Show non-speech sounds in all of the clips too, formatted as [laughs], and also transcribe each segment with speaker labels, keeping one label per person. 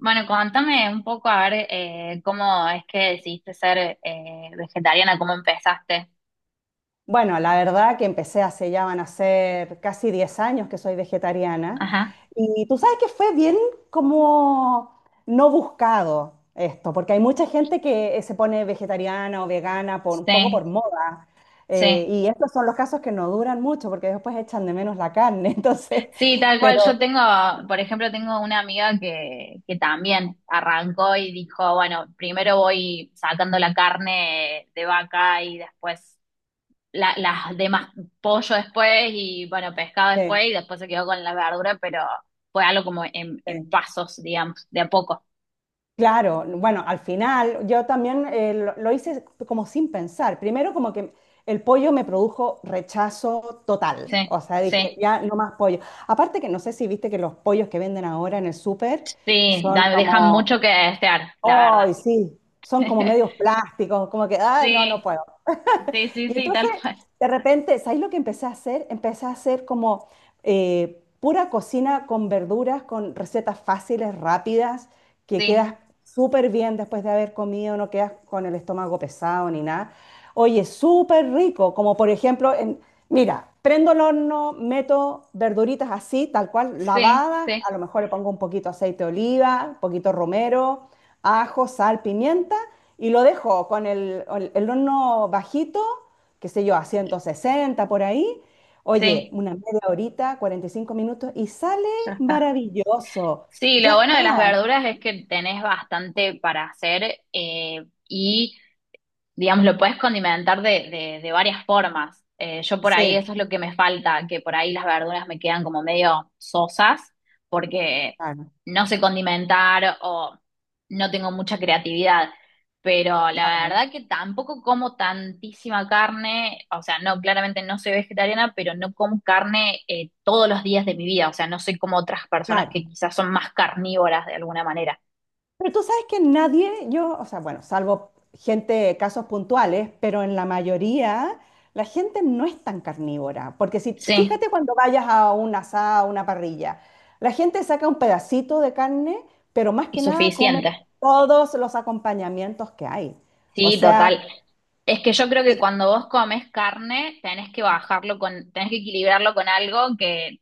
Speaker 1: Bueno, contame un poco a ver cómo es que decidiste ser vegetariana, cómo empezaste.
Speaker 2: Bueno, la verdad que empecé hace ya van a ser casi 10 años que soy vegetariana
Speaker 1: Ajá,
Speaker 2: y tú sabes que fue bien como no buscado esto, porque hay mucha gente que se pone vegetariana o vegana por, un poco
Speaker 1: sí,
Speaker 2: por moda
Speaker 1: sí.
Speaker 2: y estos son los casos que no duran mucho porque después echan de menos la carne, [laughs] entonces,
Speaker 1: Sí, tal cual. Yo
Speaker 2: pero
Speaker 1: tengo, por ejemplo, tengo una amiga que también arrancó y dijo, bueno, primero voy sacando la carne de vaca y después las demás, pollo después y bueno, pescado
Speaker 2: sí,
Speaker 1: después y después se quedó con la verdura, pero fue algo como en
Speaker 2: sí.
Speaker 1: pasos, digamos, de a poco.
Speaker 2: Claro, bueno, al final yo también lo hice como sin pensar. Primero como que el pollo me produjo rechazo total, o
Speaker 1: Sí,
Speaker 2: sea, dije,
Speaker 1: sí.
Speaker 2: ya no más pollo. Aparte que no sé si viste que los pollos que venden ahora en el súper
Speaker 1: Sí,
Speaker 2: son
Speaker 1: dejan
Speaker 2: como,
Speaker 1: mucho que desear, la verdad.
Speaker 2: ¡ay, sí! Son como
Speaker 1: [laughs]
Speaker 2: medios plásticos, como que, ¡ay, no, no
Speaker 1: Sí,
Speaker 2: puedo!
Speaker 1: sí, sí,
Speaker 2: Y
Speaker 1: sí,
Speaker 2: entonces,
Speaker 1: tal cual.
Speaker 2: de repente, ¿sabes lo que empecé a hacer? Empecé a hacer como pura cocina con verduras, con recetas fáciles, rápidas, que quedas
Speaker 1: Sí,
Speaker 2: súper bien después de haber comido, no quedas con el estómago pesado ni nada. Oye, súper rico, como por ejemplo, mira, prendo el horno, meto verduritas así, tal cual,
Speaker 1: sí,
Speaker 2: lavadas,
Speaker 1: sí,
Speaker 2: a lo mejor le pongo un poquito aceite de oliva, un poquito romero, ajo, sal, pimienta, y lo dejo con el horno bajito qué sé yo, a 160 por ahí. Oye,
Speaker 1: sí,
Speaker 2: una media horita, 45 minutos y sale
Speaker 1: ya está.
Speaker 2: maravilloso.
Speaker 1: Sí,
Speaker 2: Ya
Speaker 1: lo bueno
Speaker 2: está.
Speaker 1: de las verduras es que tenés bastante para hacer, y digamos, lo puedes condimentar de varias formas. Yo por ahí
Speaker 2: Sí,
Speaker 1: eso es lo que me falta, que por ahí las verduras me quedan como medio sosas porque
Speaker 2: claro,
Speaker 1: no sé condimentar o no tengo mucha creatividad. Pero la
Speaker 2: claro,
Speaker 1: verdad que tampoco como tantísima carne, o sea, no, claramente no soy vegetariana, pero no como carne todos los días de mi vida, o sea, no soy como otras personas
Speaker 2: claro.
Speaker 1: que quizás son más carnívoras de alguna manera.
Speaker 2: Pero tú sabes que nadie, yo, o sea, bueno, salvo gente, casos puntuales, pero en la mayoría la gente no es tan carnívora. Porque si,
Speaker 1: Sí,
Speaker 2: fíjate cuando vayas a un asado, a una parrilla, la gente saca un pedacito de carne, pero más
Speaker 1: y
Speaker 2: que nada come
Speaker 1: suficiente.
Speaker 2: todos los acompañamientos que hay. O
Speaker 1: Sí, total.
Speaker 2: sea,
Speaker 1: Es que yo creo que
Speaker 2: sí,
Speaker 1: cuando vos comes carne, tenés que bajarlo con, tenés que equilibrarlo con algo que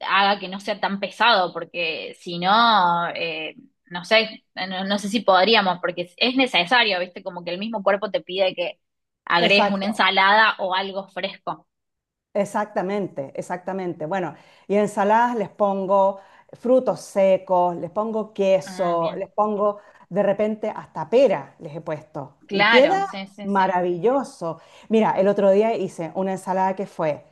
Speaker 1: haga que no sea tan pesado, porque si no, no sé, no, no sé si podríamos, porque es necesario, ¿viste? Como que el mismo cuerpo te pide que agregues una
Speaker 2: exacto,
Speaker 1: ensalada o algo fresco.
Speaker 2: exactamente, exactamente. Bueno, y ensaladas les pongo frutos secos, les pongo
Speaker 1: Ah,
Speaker 2: queso, les
Speaker 1: bien.
Speaker 2: pongo de repente hasta pera, les he puesto. Y
Speaker 1: Claro,
Speaker 2: queda
Speaker 1: sí, sí, sí.
Speaker 2: maravilloso. Mira, el otro día hice una ensalada que fue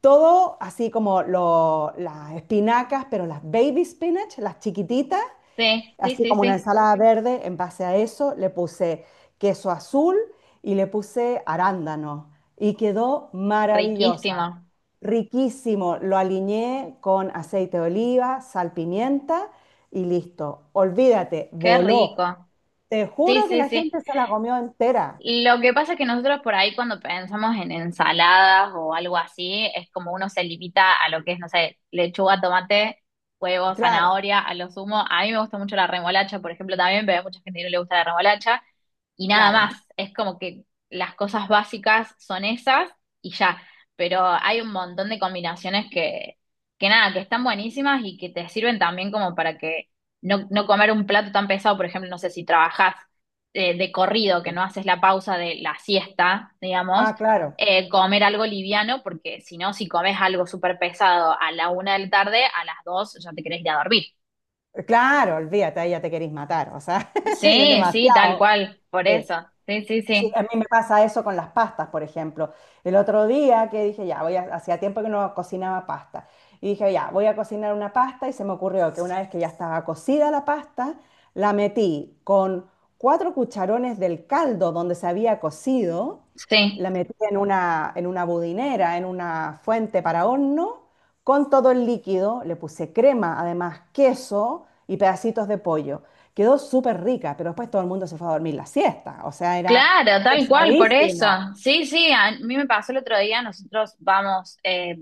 Speaker 2: todo así como las espinacas, pero las baby spinach, las chiquititas,
Speaker 1: Sí, sí,
Speaker 2: así
Speaker 1: sí,
Speaker 2: como una
Speaker 1: sí.
Speaker 2: ensalada verde, en base a eso le puse queso azul y le puse arándano y quedó
Speaker 1: Riquísimo.
Speaker 2: maravillosa, riquísimo. Lo aliñé con aceite de oliva, sal, pimienta y listo. Olvídate,
Speaker 1: Qué
Speaker 2: voló.
Speaker 1: rico.
Speaker 2: Te
Speaker 1: Sí,
Speaker 2: juro que
Speaker 1: sí,
Speaker 2: la
Speaker 1: sí.
Speaker 2: gente se la comió entera.
Speaker 1: Lo que pasa es que nosotros por ahí cuando pensamos en ensaladas o algo así, es como uno se limita a lo que es, no sé, lechuga, tomate, huevo,
Speaker 2: Claro,
Speaker 1: zanahoria, a lo sumo. A mí me gusta mucho la remolacha, por ejemplo, también, pero hay mucha gente que no le gusta la remolacha. Y nada
Speaker 2: claro.
Speaker 1: más, es como que las cosas básicas son esas y ya. Pero hay un montón de combinaciones que nada, que están buenísimas y que te sirven también como para que no comer un plato tan pesado, por ejemplo, no sé si trabajás de corrido, que
Speaker 2: Sí.
Speaker 1: no haces la pausa de la siesta, digamos,
Speaker 2: Ah, claro.
Speaker 1: comer algo liviano, porque si no, si comes algo súper pesado a la una de la tarde, a las dos ya te querés ir a dormir.
Speaker 2: Claro, olvídate, ahí ya te querís matar, o sea, [laughs] es
Speaker 1: Sí, sí, tal
Speaker 2: demasiado.
Speaker 1: cual, por
Speaker 2: Sí.
Speaker 1: eso. Sí, sí,
Speaker 2: Sí,
Speaker 1: sí.
Speaker 2: a mí me pasa eso con las pastas, por ejemplo. El otro día que dije, ya, voy a, hacía tiempo que no cocinaba pasta. Y dije, ya, voy a cocinar una pasta y se me ocurrió que una vez que ya estaba cocida la pasta, la metí con cuatro cucharones del caldo donde se había cocido,
Speaker 1: Sí.
Speaker 2: la metí en una budinera, en una fuente para horno, con todo el líquido, le puse crema, además queso y pedacitos de pollo. Quedó súper rica, pero después todo el mundo se fue a dormir la siesta. O sea, era
Speaker 1: Claro, tal cual, por eso.
Speaker 2: pesadísimo,
Speaker 1: Sí, sí, a mí me pasó el otro día, nosotros vamos,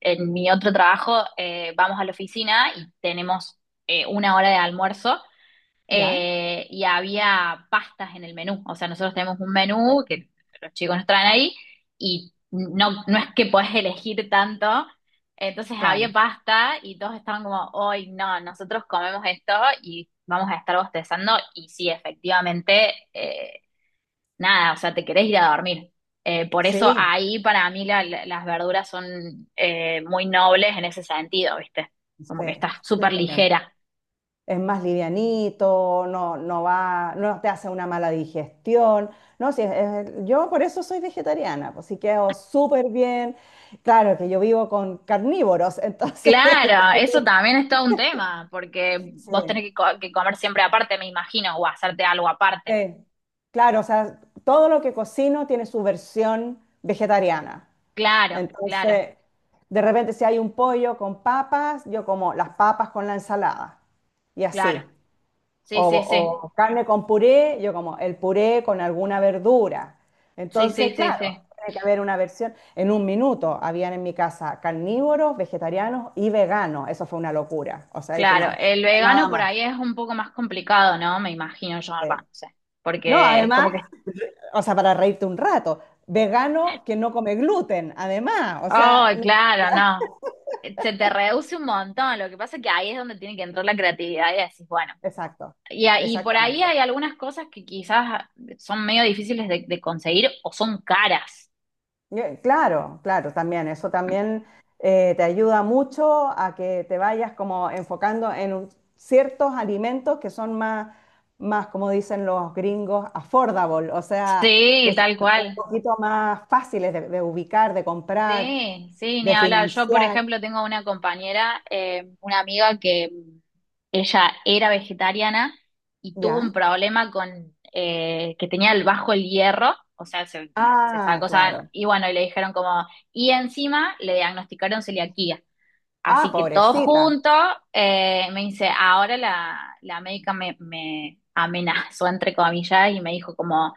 Speaker 1: en mi otro trabajo, vamos a la oficina y tenemos una hora de almuerzo,
Speaker 2: ¿ya?
Speaker 1: y había pastas en el menú. O sea, nosotros tenemos un
Speaker 2: Eh,
Speaker 1: menú que los chicos nos traen ahí y no, no es que podés elegir tanto. Entonces había
Speaker 2: claro,
Speaker 1: pasta y todos estaban como, hoy no, nosotros comemos esto y vamos a estar bostezando. Y sí, efectivamente, nada, o sea, te querés ir a dormir. Por eso
Speaker 2: sí,
Speaker 1: ahí para mí las verduras son muy nobles en ese sentido, ¿viste?
Speaker 2: sí, sí,
Speaker 1: Como que estás
Speaker 2: te
Speaker 1: súper ligera.
Speaker 2: es más livianito, no, no va, no te hace una mala digestión. No, sí, yo por eso soy vegetariana, pues sí quedo súper bien. Claro que yo vivo con carnívoros, [laughs] entonces,
Speaker 1: Claro,
Speaker 2: tengo
Speaker 1: eso
Speaker 2: que-
Speaker 1: también es todo un tema, porque
Speaker 2: sí,
Speaker 1: vos tenés que, que comer siempre aparte, me imagino, o hacerte algo aparte.
Speaker 2: sí. Claro, o sea, todo lo que cocino tiene su versión vegetariana.
Speaker 1: Claro, claro,
Speaker 2: Entonces, de repente si hay un pollo con papas, yo como las papas con la ensalada y
Speaker 1: claro.
Speaker 2: así.
Speaker 1: Sí,
Speaker 2: O,
Speaker 1: sí, sí.
Speaker 2: o carne con puré, yo como el puré con alguna verdura.
Speaker 1: Sí, sí,
Speaker 2: Entonces,
Speaker 1: sí, sí.
Speaker 2: claro, tiene que haber una versión. En un minuto habían en mi casa carnívoros, vegetarianos y veganos. Eso fue una locura. O sea, dije,
Speaker 1: Claro,
Speaker 2: no,
Speaker 1: el vegano
Speaker 2: nada
Speaker 1: por
Speaker 2: más.
Speaker 1: ahí es un poco más complicado, ¿no? Me imagino yo,
Speaker 2: Sí.
Speaker 1: va, no sé.
Speaker 2: No,
Speaker 1: Porque es
Speaker 2: además,
Speaker 1: como que,
Speaker 2: o sea, para reírte un rato, vegano que no come gluten, además. O
Speaker 1: oh,
Speaker 2: sea,
Speaker 1: claro, no. Se te reduce un montón. Lo que pasa es que ahí es donde tiene que entrar la creatividad y decís, bueno.
Speaker 2: exacto,
Speaker 1: Y, y por ahí
Speaker 2: exactamente.
Speaker 1: hay algunas cosas que quizás son medio difíciles de conseguir o son caras.
Speaker 2: Claro, claro, también. Eso también te ayuda mucho a que te vayas como enfocando en ciertos alimentos que son más, más, como dicen los gringos, affordable, o sea,
Speaker 1: Sí,
Speaker 2: que sean
Speaker 1: tal
Speaker 2: un
Speaker 1: cual.
Speaker 2: poquito más fáciles de ubicar, de comprar,
Speaker 1: Sí, sí, ni
Speaker 2: de
Speaker 1: hablar. Yo, por
Speaker 2: financiar,
Speaker 1: ejemplo, tengo una compañera, una amiga que ella era vegetariana y tuvo un
Speaker 2: ¿ya?
Speaker 1: problema con que tenía el bajo el hierro, o sea, se
Speaker 2: Ah,
Speaker 1: sacó, o sea,
Speaker 2: claro.
Speaker 1: y bueno, y le dijeron como, y encima le diagnosticaron celiaquía.
Speaker 2: Ah,
Speaker 1: Así que todo
Speaker 2: pobrecita,
Speaker 1: junto, me dice, ahora la médica me amenazó, entre comillas, y me dijo como,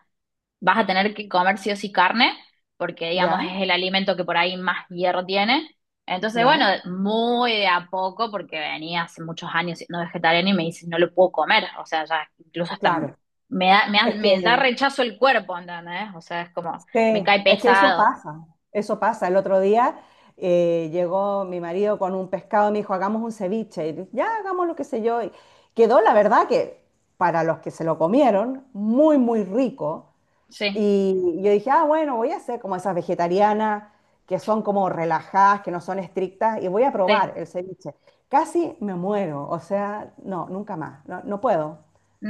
Speaker 1: vas a tener que comer sí o sí carne, porque digamos
Speaker 2: ¿ya?
Speaker 1: es el alimento que por ahí más hierro tiene. Entonces, bueno,
Speaker 2: ¿Ya?
Speaker 1: muy de a poco, porque venía hace muchos años siendo vegetariana y me dice, no lo puedo comer, o sea, ya incluso hasta
Speaker 2: Claro.
Speaker 1: me da,
Speaker 2: Es que
Speaker 1: me da rechazo el cuerpo, ¿entendés? O sea, es como, me cae
Speaker 2: Sí, es que eso
Speaker 1: pesado,
Speaker 2: pasa, eso pasa. El otro día llegó mi marido con un pescado y me dijo, hagamos un ceviche. Y dije, ya, hagamos lo que sé yo. Y quedó, la verdad, que para los que se lo comieron, muy, muy rico.
Speaker 1: sí,
Speaker 2: Y yo dije, ah, bueno, voy a hacer como esas vegetarianas que son como relajadas, que no son estrictas, y voy a
Speaker 1: sí.
Speaker 2: probar el ceviche. Casi me muero, o sea, no, nunca más, no, no puedo,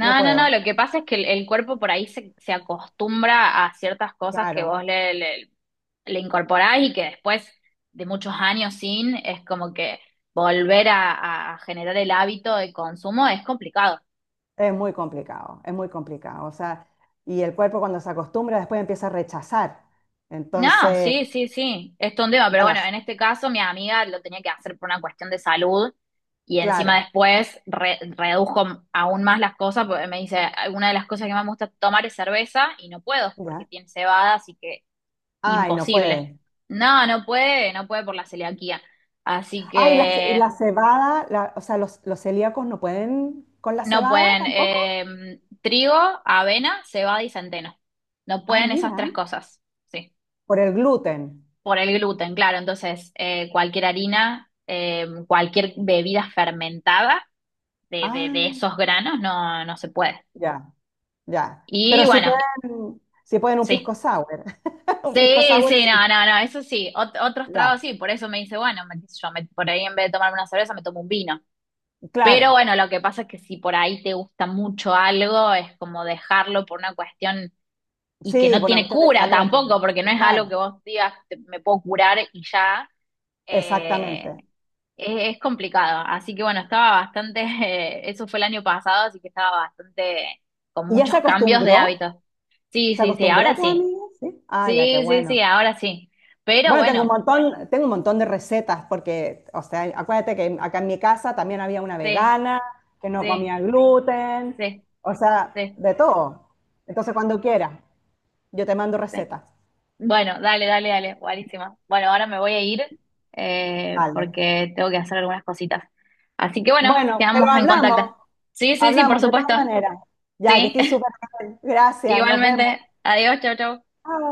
Speaker 2: no
Speaker 1: no, no,
Speaker 2: puedo,
Speaker 1: lo que pasa es que el cuerpo por ahí se acostumbra a ciertas cosas que
Speaker 2: claro.
Speaker 1: vos le incorporás y que después de muchos años sin, es como que volver a generar el hábito de consumo es complicado.
Speaker 2: Es muy complicado, es muy complicado. O sea, y el cuerpo cuando se acostumbra después empieza a rechazar.
Speaker 1: No,
Speaker 2: Entonces,
Speaker 1: sí, sí, sí, es todo un tema, pero
Speaker 2: bueno,
Speaker 1: bueno, en este caso mi amiga lo tenía que hacer por una cuestión de salud y encima
Speaker 2: claro,
Speaker 1: después redujo aún más las cosas porque me dice, una de las cosas que más me gusta tomar es cerveza y no puedo porque
Speaker 2: ya.
Speaker 1: tiene cebada, así que
Speaker 2: Ay, no
Speaker 1: imposible.
Speaker 2: puede.
Speaker 1: No, no puede, no puede por la celiaquía. Así
Speaker 2: Ay,
Speaker 1: que
Speaker 2: la cebada, o sea, los celíacos no pueden con la
Speaker 1: no
Speaker 2: cebada
Speaker 1: pueden
Speaker 2: tampoco.
Speaker 1: trigo, avena, cebada y centeno. No
Speaker 2: Ah,
Speaker 1: pueden esas
Speaker 2: mira,
Speaker 1: tres cosas. Sí.
Speaker 2: por el gluten.
Speaker 1: Por el gluten, claro. Entonces, cualquier harina, cualquier bebida fermentada de
Speaker 2: Ah,
Speaker 1: esos granos no, no se puede.
Speaker 2: ya, ya.
Speaker 1: Y
Speaker 2: Pero
Speaker 1: bueno,
Speaker 2: sí pueden un pisco
Speaker 1: sí.
Speaker 2: sour. [laughs] Un pisco
Speaker 1: Sí,
Speaker 2: sour,
Speaker 1: sí, no,
Speaker 2: sí.
Speaker 1: no, no, eso sí. Otros tragos
Speaker 2: Ya,
Speaker 1: sí, por eso me dice, bueno, me, qué sé yo, por ahí en vez de tomarme una cerveza me tomo un vino. Pero
Speaker 2: claro.
Speaker 1: bueno, lo que pasa es que si por ahí te gusta mucho algo, es como dejarlo por una cuestión y que
Speaker 2: Sí,
Speaker 1: no
Speaker 2: por una
Speaker 1: tiene
Speaker 2: cuestión de
Speaker 1: cura
Speaker 2: salud al
Speaker 1: tampoco,
Speaker 2: final.
Speaker 1: porque no es algo que
Speaker 2: Claro,
Speaker 1: vos digas, me puedo curar y ya. eh,
Speaker 2: exactamente.
Speaker 1: es complicado. Así que bueno, estaba bastante, [laughs] eso fue el año pasado, así que estaba bastante con
Speaker 2: ¿Y ya se
Speaker 1: muchos cambios de
Speaker 2: acostumbró?
Speaker 1: hábitos. Sí,
Speaker 2: ¿Se
Speaker 1: sí, sí, ahora
Speaker 2: acostumbró tu
Speaker 1: sí.
Speaker 2: amiga? Sí. Ah, ya, qué
Speaker 1: Sí, sí, sí,
Speaker 2: bueno.
Speaker 1: ahora sí. Pero
Speaker 2: Bueno,
Speaker 1: bueno,
Speaker 2: tengo un montón de recetas porque, o sea, acuérdate que acá en mi casa también había una
Speaker 1: sí,
Speaker 2: vegana que no
Speaker 1: sí,
Speaker 2: comía gluten,
Speaker 1: sí,
Speaker 2: o sea,
Speaker 1: sí,
Speaker 2: de todo. Entonces, cuando quieras, yo te mando
Speaker 1: sí.
Speaker 2: recetas.
Speaker 1: Bueno, dale, dale, dale, buenísima. Bueno, ahora me voy a ir
Speaker 2: Vale.
Speaker 1: porque tengo que hacer algunas cositas. Así que bueno,
Speaker 2: Bueno, pero
Speaker 1: quedamos en contacto.
Speaker 2: hablamos,
Speaker 1: Sí, sí, sí, por
Speaker 2: hablamos de todas
Speaker 1: supuesto.
Speaker 2: maneras. Ya, que
Speaker 1: Sí,
Speaker 2: estoy súper bien.
Speaker 1: [laughs]
Speaker 2: Gracias, nos vemos.
Speaker 1: igualmente. Adiós, chau, chau.
Speaker 2: Chao.